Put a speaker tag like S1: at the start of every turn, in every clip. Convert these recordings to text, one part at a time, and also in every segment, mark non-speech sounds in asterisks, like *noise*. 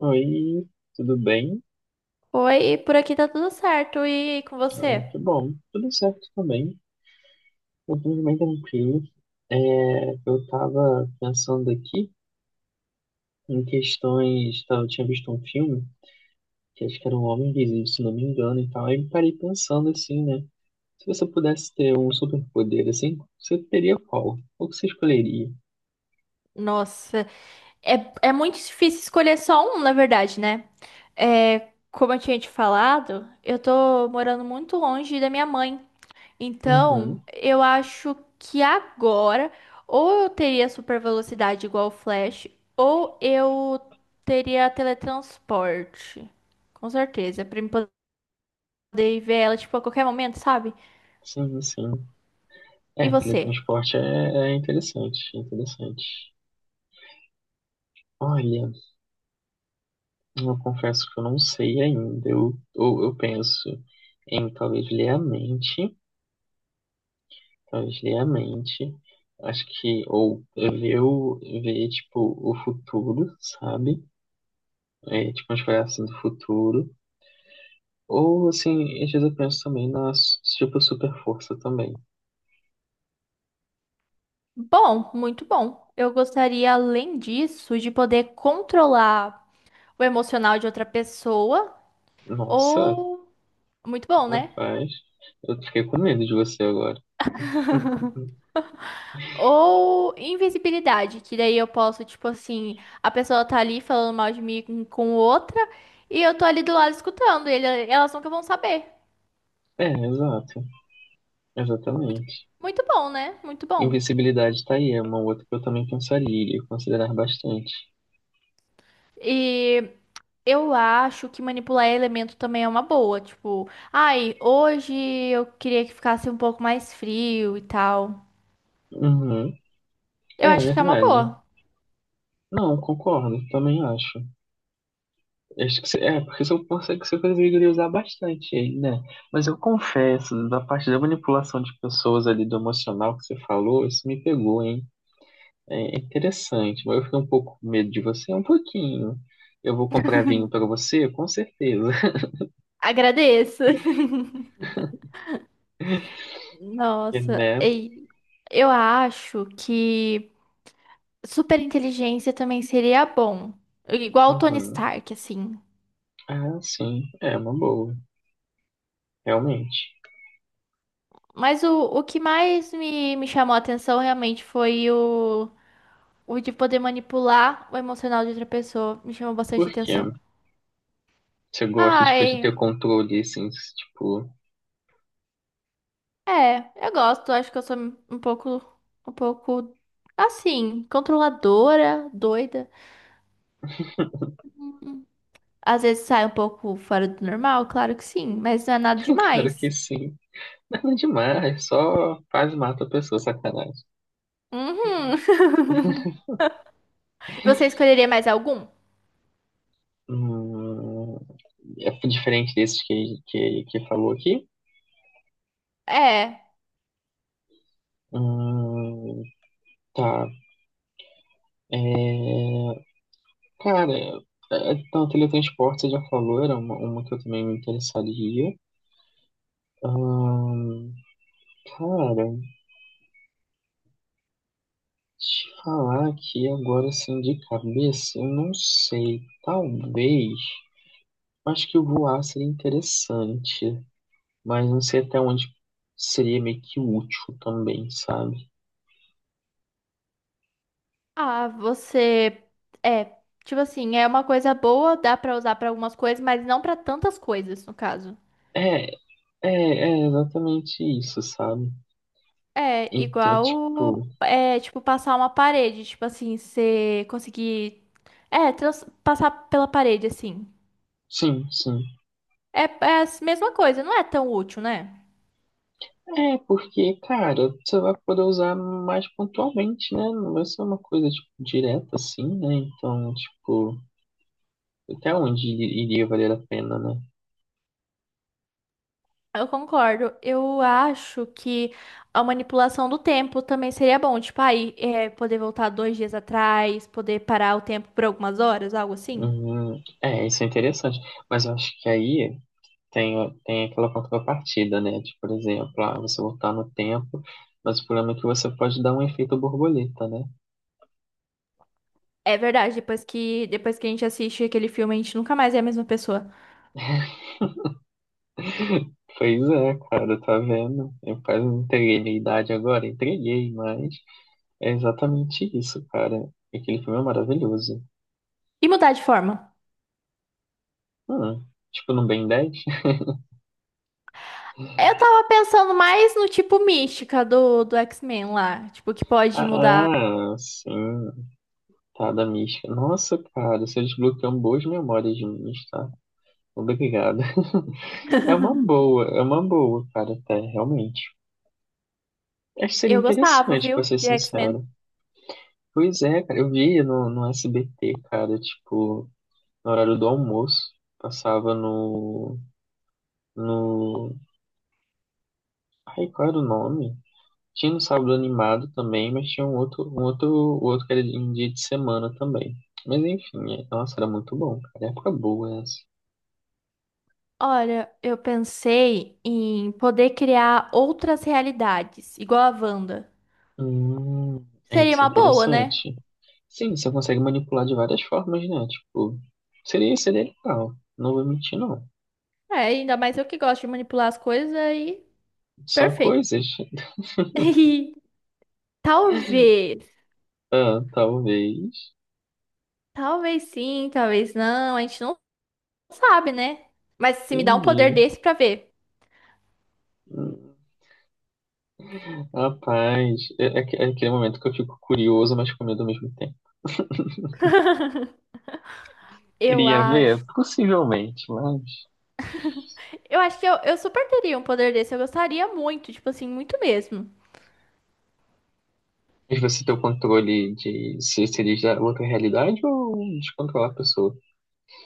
S1: Oi, tudo bem?
S2: Oi, por aqui tá tudo certo. E com
S1: Ah,
S2: você?
S1: que bom, tudo certo também. Eu tô bem tranquilo. É, eu tava pensando aqui em questões. Tá, eu tinha visto um filme, que acho que era um Homem Invisível, se não me engano, e tal. Aí me parei pensando assim, né? Se você pudesse ter um superpoder assim, você teria qual? Qual que você escolheria?
S2: Nossa, é, é muito difícil escolher só um, na verdade, né? É, como eu tinha te falado, eu tô morando muito longe da minha mãe. Então,
S1: Uhum,
S2: eu acho que agora, ou eu teria super velocidade igual o Flash, ou eu teria teletransporte. Com certeza, pra eu poder ver ela, tipo, a qualquer momento, sabe?
S1: sim, sim.
S2: E
S1: É,
S2: você?
S1: teletransporte é interessante, é interessante. Olha. Eu confesso que eu não sei ainda. Ou eu penso em talvez ler a mente, talvez ler a mente. Acho que, ou ver, o, ver tipo, o futuro, sabe? É, tipo, uma espécie assim do futuro. Ou, assim, às vezes eu penso também na, tipo, super força também.
S2: Bom, muito bom. Eu gostaria, além disso, de poder controlar o emocional de outra pessoa,
S1: Nossa,
S2: ou muito bom, né?
S1: rapaz, eu fiquei com medo de você agora. *laughs*
S2: Ou invisibilidade, que daí eu posso, tipo assim, a pessoa tá ali falando mal de mim com outra e eu tô ali do lado escutando, ele, elas nunca vão saber.
S1: É, exato,
S2: Muito,
S1: exatamente.
S2: muito bom, né? Muito bom.
S1: Invisibilidade tá aí, é uma outra que eu também pensaria e considerar bastante.
S2: E eu acho que manipular elemento também é uma boa, tipo, ai, hoje eu queria que ficasse um pouco mais frio e tal.
S1: Uhum.
S2: Eu
S1: É
S2: acho que é uma
S1: verdade.
S2: boa.
S1: Não, concordo, também acho. Acho que porque se eu pensei que você conseguiria usar bastante ele, né? Mas eu confesso, da parte da manipulação de pessoas ali do emocional que você falou, isso me pegou, hein? É interessante, mas eu fiquei um pouco com medo de você, um pouquinho. Eu vou comprar vinho pra você, com certeza. *laughs*
S2: Agradeço. *laughs*
S1: Porque,
S2: Nossa,
S1: né?
S2: ei, eu acho que superinteligência também seria bom. Igual o Tony
S1: Uhum.
S2: Stark, assim.
S1: Ah, sim, é uma boa, realmente.
S2: Mas o que mais me chamou a atenção realmente foi o de poder manipular o emocional de outra pessoa. Me chamou bastante
S1: Por quê?
S2: atenção.
S1: Você gosta, tipo, de
S2: Ai,
S1: ter controle, assim, tipo,
S2: eu gosto. Acho que eu sou um pouco assim, controladora, doida. Uhum. Às vezes sai um pouco fora do normal, claro que sim, mas não é nada
S1: *laughs* claro que
S2: demais.
S1: sim. Nada demais, só quase mata a pessoa, sacanagem.
S2: Uhum. *laughs* Você escolheria mais algum?
S1: Hum, é diferente desses que falou aqui.
S2: É.
S1: Hum, tá. É, cara, é, então, teletransporte você já falou, era uma que eu também me interessaria. Hum, cara, te falar aqui agora assim de cabeça, eu não sei. Talvez. Acho que voar seria interessante. Mas não sei até onde seria meio que útil também, sabe?
S2: Ah, você é, tipo assim, é uma coisa boa, dá pra usar pra algumas coisas, mas não pra tantas coisas, no caso.
S1: É, é exatamente isso, sabe?
S2: É,
S1: Então, tipo,
S2: igual é, tipo passar uma parede, tipo assim, você conseguir é, passar pela parede assim.
S1: sim, sim.
S2: É, é a mesma coisa, não é tão útil, né?
S1: É, porque, cara, você vai poder usar mais pontualmente, né? Não vai ser uma coisa, tipo, direta assim, né? Então, tipo, até onde iria valer a pena, né?
S2: Eu concordo. Eu acho que a manipulação do tempo também seria bom. Tipo, aí, é, poder voltar 2 dias atrás, poder parar o tempo por algumas horas, algo assim.
S1: Uhum. É, isso é interessante. Mas eu acho que aí. Tem aquela contrapartida, né? Tipo, por exemplo, ah, você voltar no tempo, mas o problema é que você pode dar um efeito borboleta, né?
S2: É verdade, depois que a gente assiste aquele filme, a gente nunca mais é a mesma pessoa.
S1: Pois é, cara, tá vendo? Eu quase não entreguei minha idade agora, entreguei, mas é exatamente isso, cara. Aquele filme é maravilhoso.
S2: E mudar de forma.
S1: Hum, tipo, no Ben 10? *laughs*
S2: Eu tava pensando mais no tipo mística do, X-Men lá. Tipo, que pode mudar.
S1: Ah, sim, tá, da mística. Nossa, cara, você desbloqueou boas memórias minhas, tá? Obrigado. *laughs* É uma boa, cara, até, realmente. Acho que seria
S2: Eu gostava,
S1: interessante, pra
S2: viu,
S1: ser
S2: de X-Men.
S1: sincero. Pois é, cara, eu vi no, no SBT, cara, tipo, no horário do almoço, passava no. Ai, qual era o nome? Tinha no Sábado Animado também, mas tinha o outro que era em dia de semana também. Mas enfim, nossa, era muito bom, cara. Época boa essa.
S2: Olha, eu pensei em poder criar outras realidades, igual a Wanda.
S1: Hum, é,
S2: Seria
S1: isso é
S2: uma boa, né?
S1: interessante. Sim, você consegue manipular de várias formas, né? Tipo, seria legal. Não vou mentir, não.
S2: É, ainda mais eu que gosto de manipular as coisas aí.
S1: São
S2: Perfeito. *laughs*
S1: coisas.
S2: E talvez.
S1: Ah, talvez.
S2: Talvez sim, talvez não. A gente não sabe, né? Mas se me dá um poder
S1: Entendi.
S2: desse pra ver.
S1: Hum, Rapaz, é aquele momento que eu fico curioso, mas com medo ao mesmo tempo.
S2: Eu
S1: Queria
S2: acho.
S1: ver? Possivelmente, mas.
S2: Eu acho que eu super teria um poder desse. Eu gostaria muito, tipo assim, muito mesmo.
S1: Mas você tem o controle de se seria da outra realidade ou de controlar a pessoa?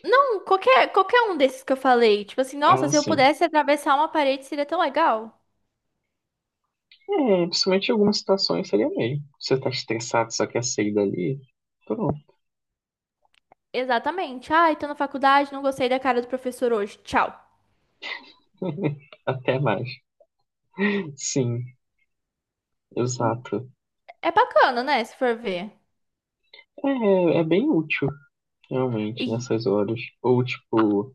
S2: Não, qualquer um desses que eu falei. Tipo assim, nossa,
S1: Ah,
S2: se eu
S1: sim.
S2: pudesse atravessar uma parede seria tão legal.
S1: É, principalmente em algumas situações seria meio. Você tá estressado, só quer sair dali? Pronto.
S2: Exatamente. Ai, tô na faculdade, não gostei da cara do professor hoje. Tchau.
S1: *laughs* Até mais. Sim, exato.
S2: É bacana, né? Se for ver.
S1: É bem útil, realmente,
S2: E
S1: nessas horas. Ou, tipo,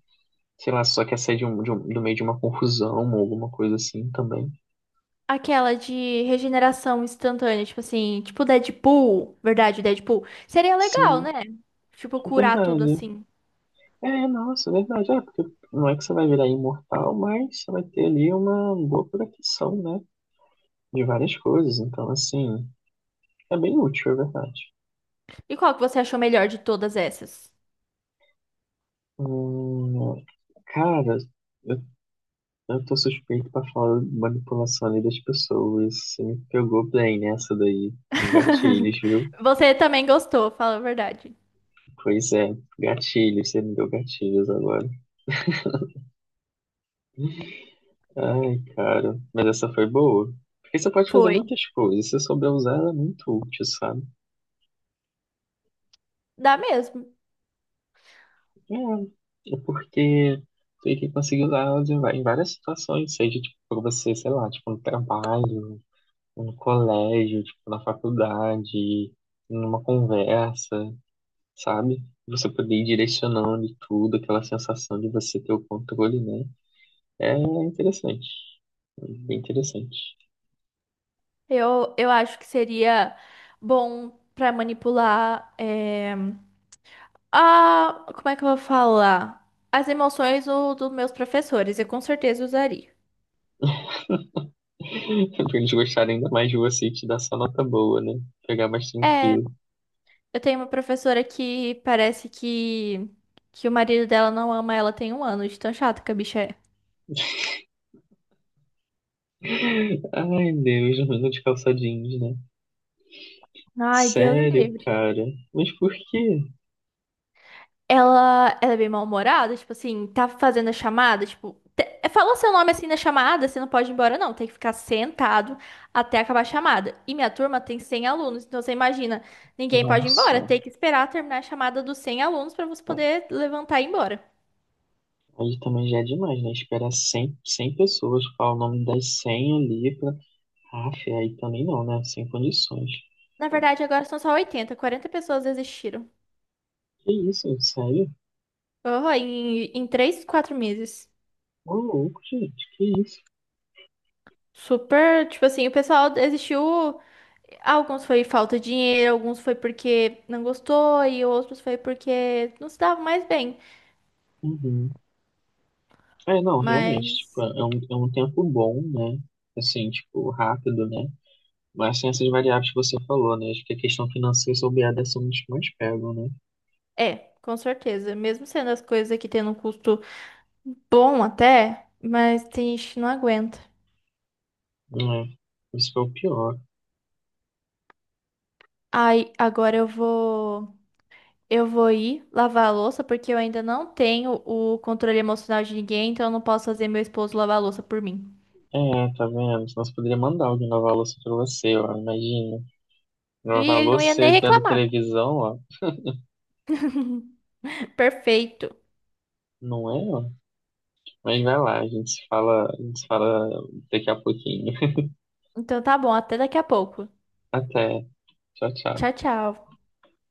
S1: sei lá, só quer sair de um, do meio de uma confusão ou alguma coisa assim também.
S2: aquela de regeneração instantânea, tipo assim, tipo Deadpool, verdade, Deadpool. Seria legal, né?
S1: Sim,
S2: Tipo,
S1: é
S2: curar tudo
S1: verdade.
S2: assim.
S1: É, nossa, é verdade. É, porque não é que você vai virar imortal, mas você vai ter ali uma boa proteção, né? De várias coisas. Então, assim, é bem útil, é verdade.
S2: E qual que você achou melhor de todas essas?
S1: Hum, cara, eu, eu tô suspeito pra falar de manipulação ali das pessoas. Você me pegou bem nessa daí.
S2: *laughs*
S1: Gatilhos, viu?
S2: Você também gostou, fala a verdade.
S1: Pois é, gatilhos, você me deu gatilhos agora. Ai, cara. Mas essa foi boa. Porque você pode fazer
S2: Foi.
S1: muitas coisas. Se souber usar, ela é muito útil, sabe?
S2: Dá mesmo.
S1: É, é porque tu tem que conseguir usar ela em várias situações. Seja, tipo, pra você, sei lá, tipo, no trabalho, no colégio, tipo, na faculdade, numa conversa, sabe? Você poder ir direcionando e tudo, aquela sensação de você ter o controle, né? É interessante. Bem interessante.
S2: Eu acho que seria bom pra manipular. A, como é que eu vou falar? As emoções dos meus professores. Eu com certeza usaria.
S1: Pra eles gostarem ainda mais de você e te dar só nota boa, né? Pegar mais
S2: É.
S1: tranquilo.
S2: Eu tenho uma professora que parece que o marido dela não ama ela tem um ano, de tão chato que a bicha é.
S1: Ai, Deus, menino de calça jeans, né?
S2: Ai, Deus me
S1: Sério,
S2: livre.
S1: cara. Mas por quê?
S2: Ela é bem mal-humorada, tipo assim, tá fazendo a chamada, tipo, falou seu nome assim na chamada, você não pode ir embora, não, tem que ficar sentado até acabar a chamada. E minha turma tem 100 alunos, então você imagina, ninguém pode ir
S1: Nossa.
S2: embora, tem que esperar terminar a chamada dos 100 alunos pra você poder levantar e ir embora.
S1: Aí também já é demais, né? Esperar 100, 100 pessoas falar o nome das 100 ali pra... Ah, fé, aí também não, né? Sem condições.
S2: Na verdade, agora são só 80, 40 pessoas desistiram.
S1: Que isso, sério?
S2: Oh, em 3, 4 meses.
S1: Ô, louco, gente, que isso?
S2: Super, tipo assim, o pessoal desistiu. Alguns foi falta de dinheiro, alguns foi porque não gostou, e outros foi porque não se dava mais bem.
S1: Uhum. É, não, realmente, tipo,
S2: Mas
S1: é um tempo bom, né? Assim, tipo, rápido, né? Mas tem essas variáveis que você falou, né? Acho que a questão financeira e soberania são os que mais pegam, né?
S2: é, com certeza. Mesmo sendo as coisas aqui tendo um custo bom até, mas tem gente que não aguenta.
S1: É. Isso que é o pior.
S2: Aí, agora eu vou. Eu vou ir lavar a louça, porque eu ainda não tenho o controle emocional de ninguém, então eu não posso fazer meu esposo lavar a louça por mim.
S1: É, tá vendo? Senão você poderia mandar alguém lavar a louça pra você, ó. Imagina.
S2: E
S1: Lavar a
S2: ele não
S1: louça
S2: ia nem
S1: você vendo
S2: reclamar.
S1: televisão, ó.
S2: *laughs* Perfeito.
S1: Não é, ó. Mas vai lá, a gente se fala, a gente se fala daqui a pouquinho. *laughs*
S2: Então tá bom, até daqui a pouco.
S1: Até. Tchau, tchau.
S2: Tchau, tchau.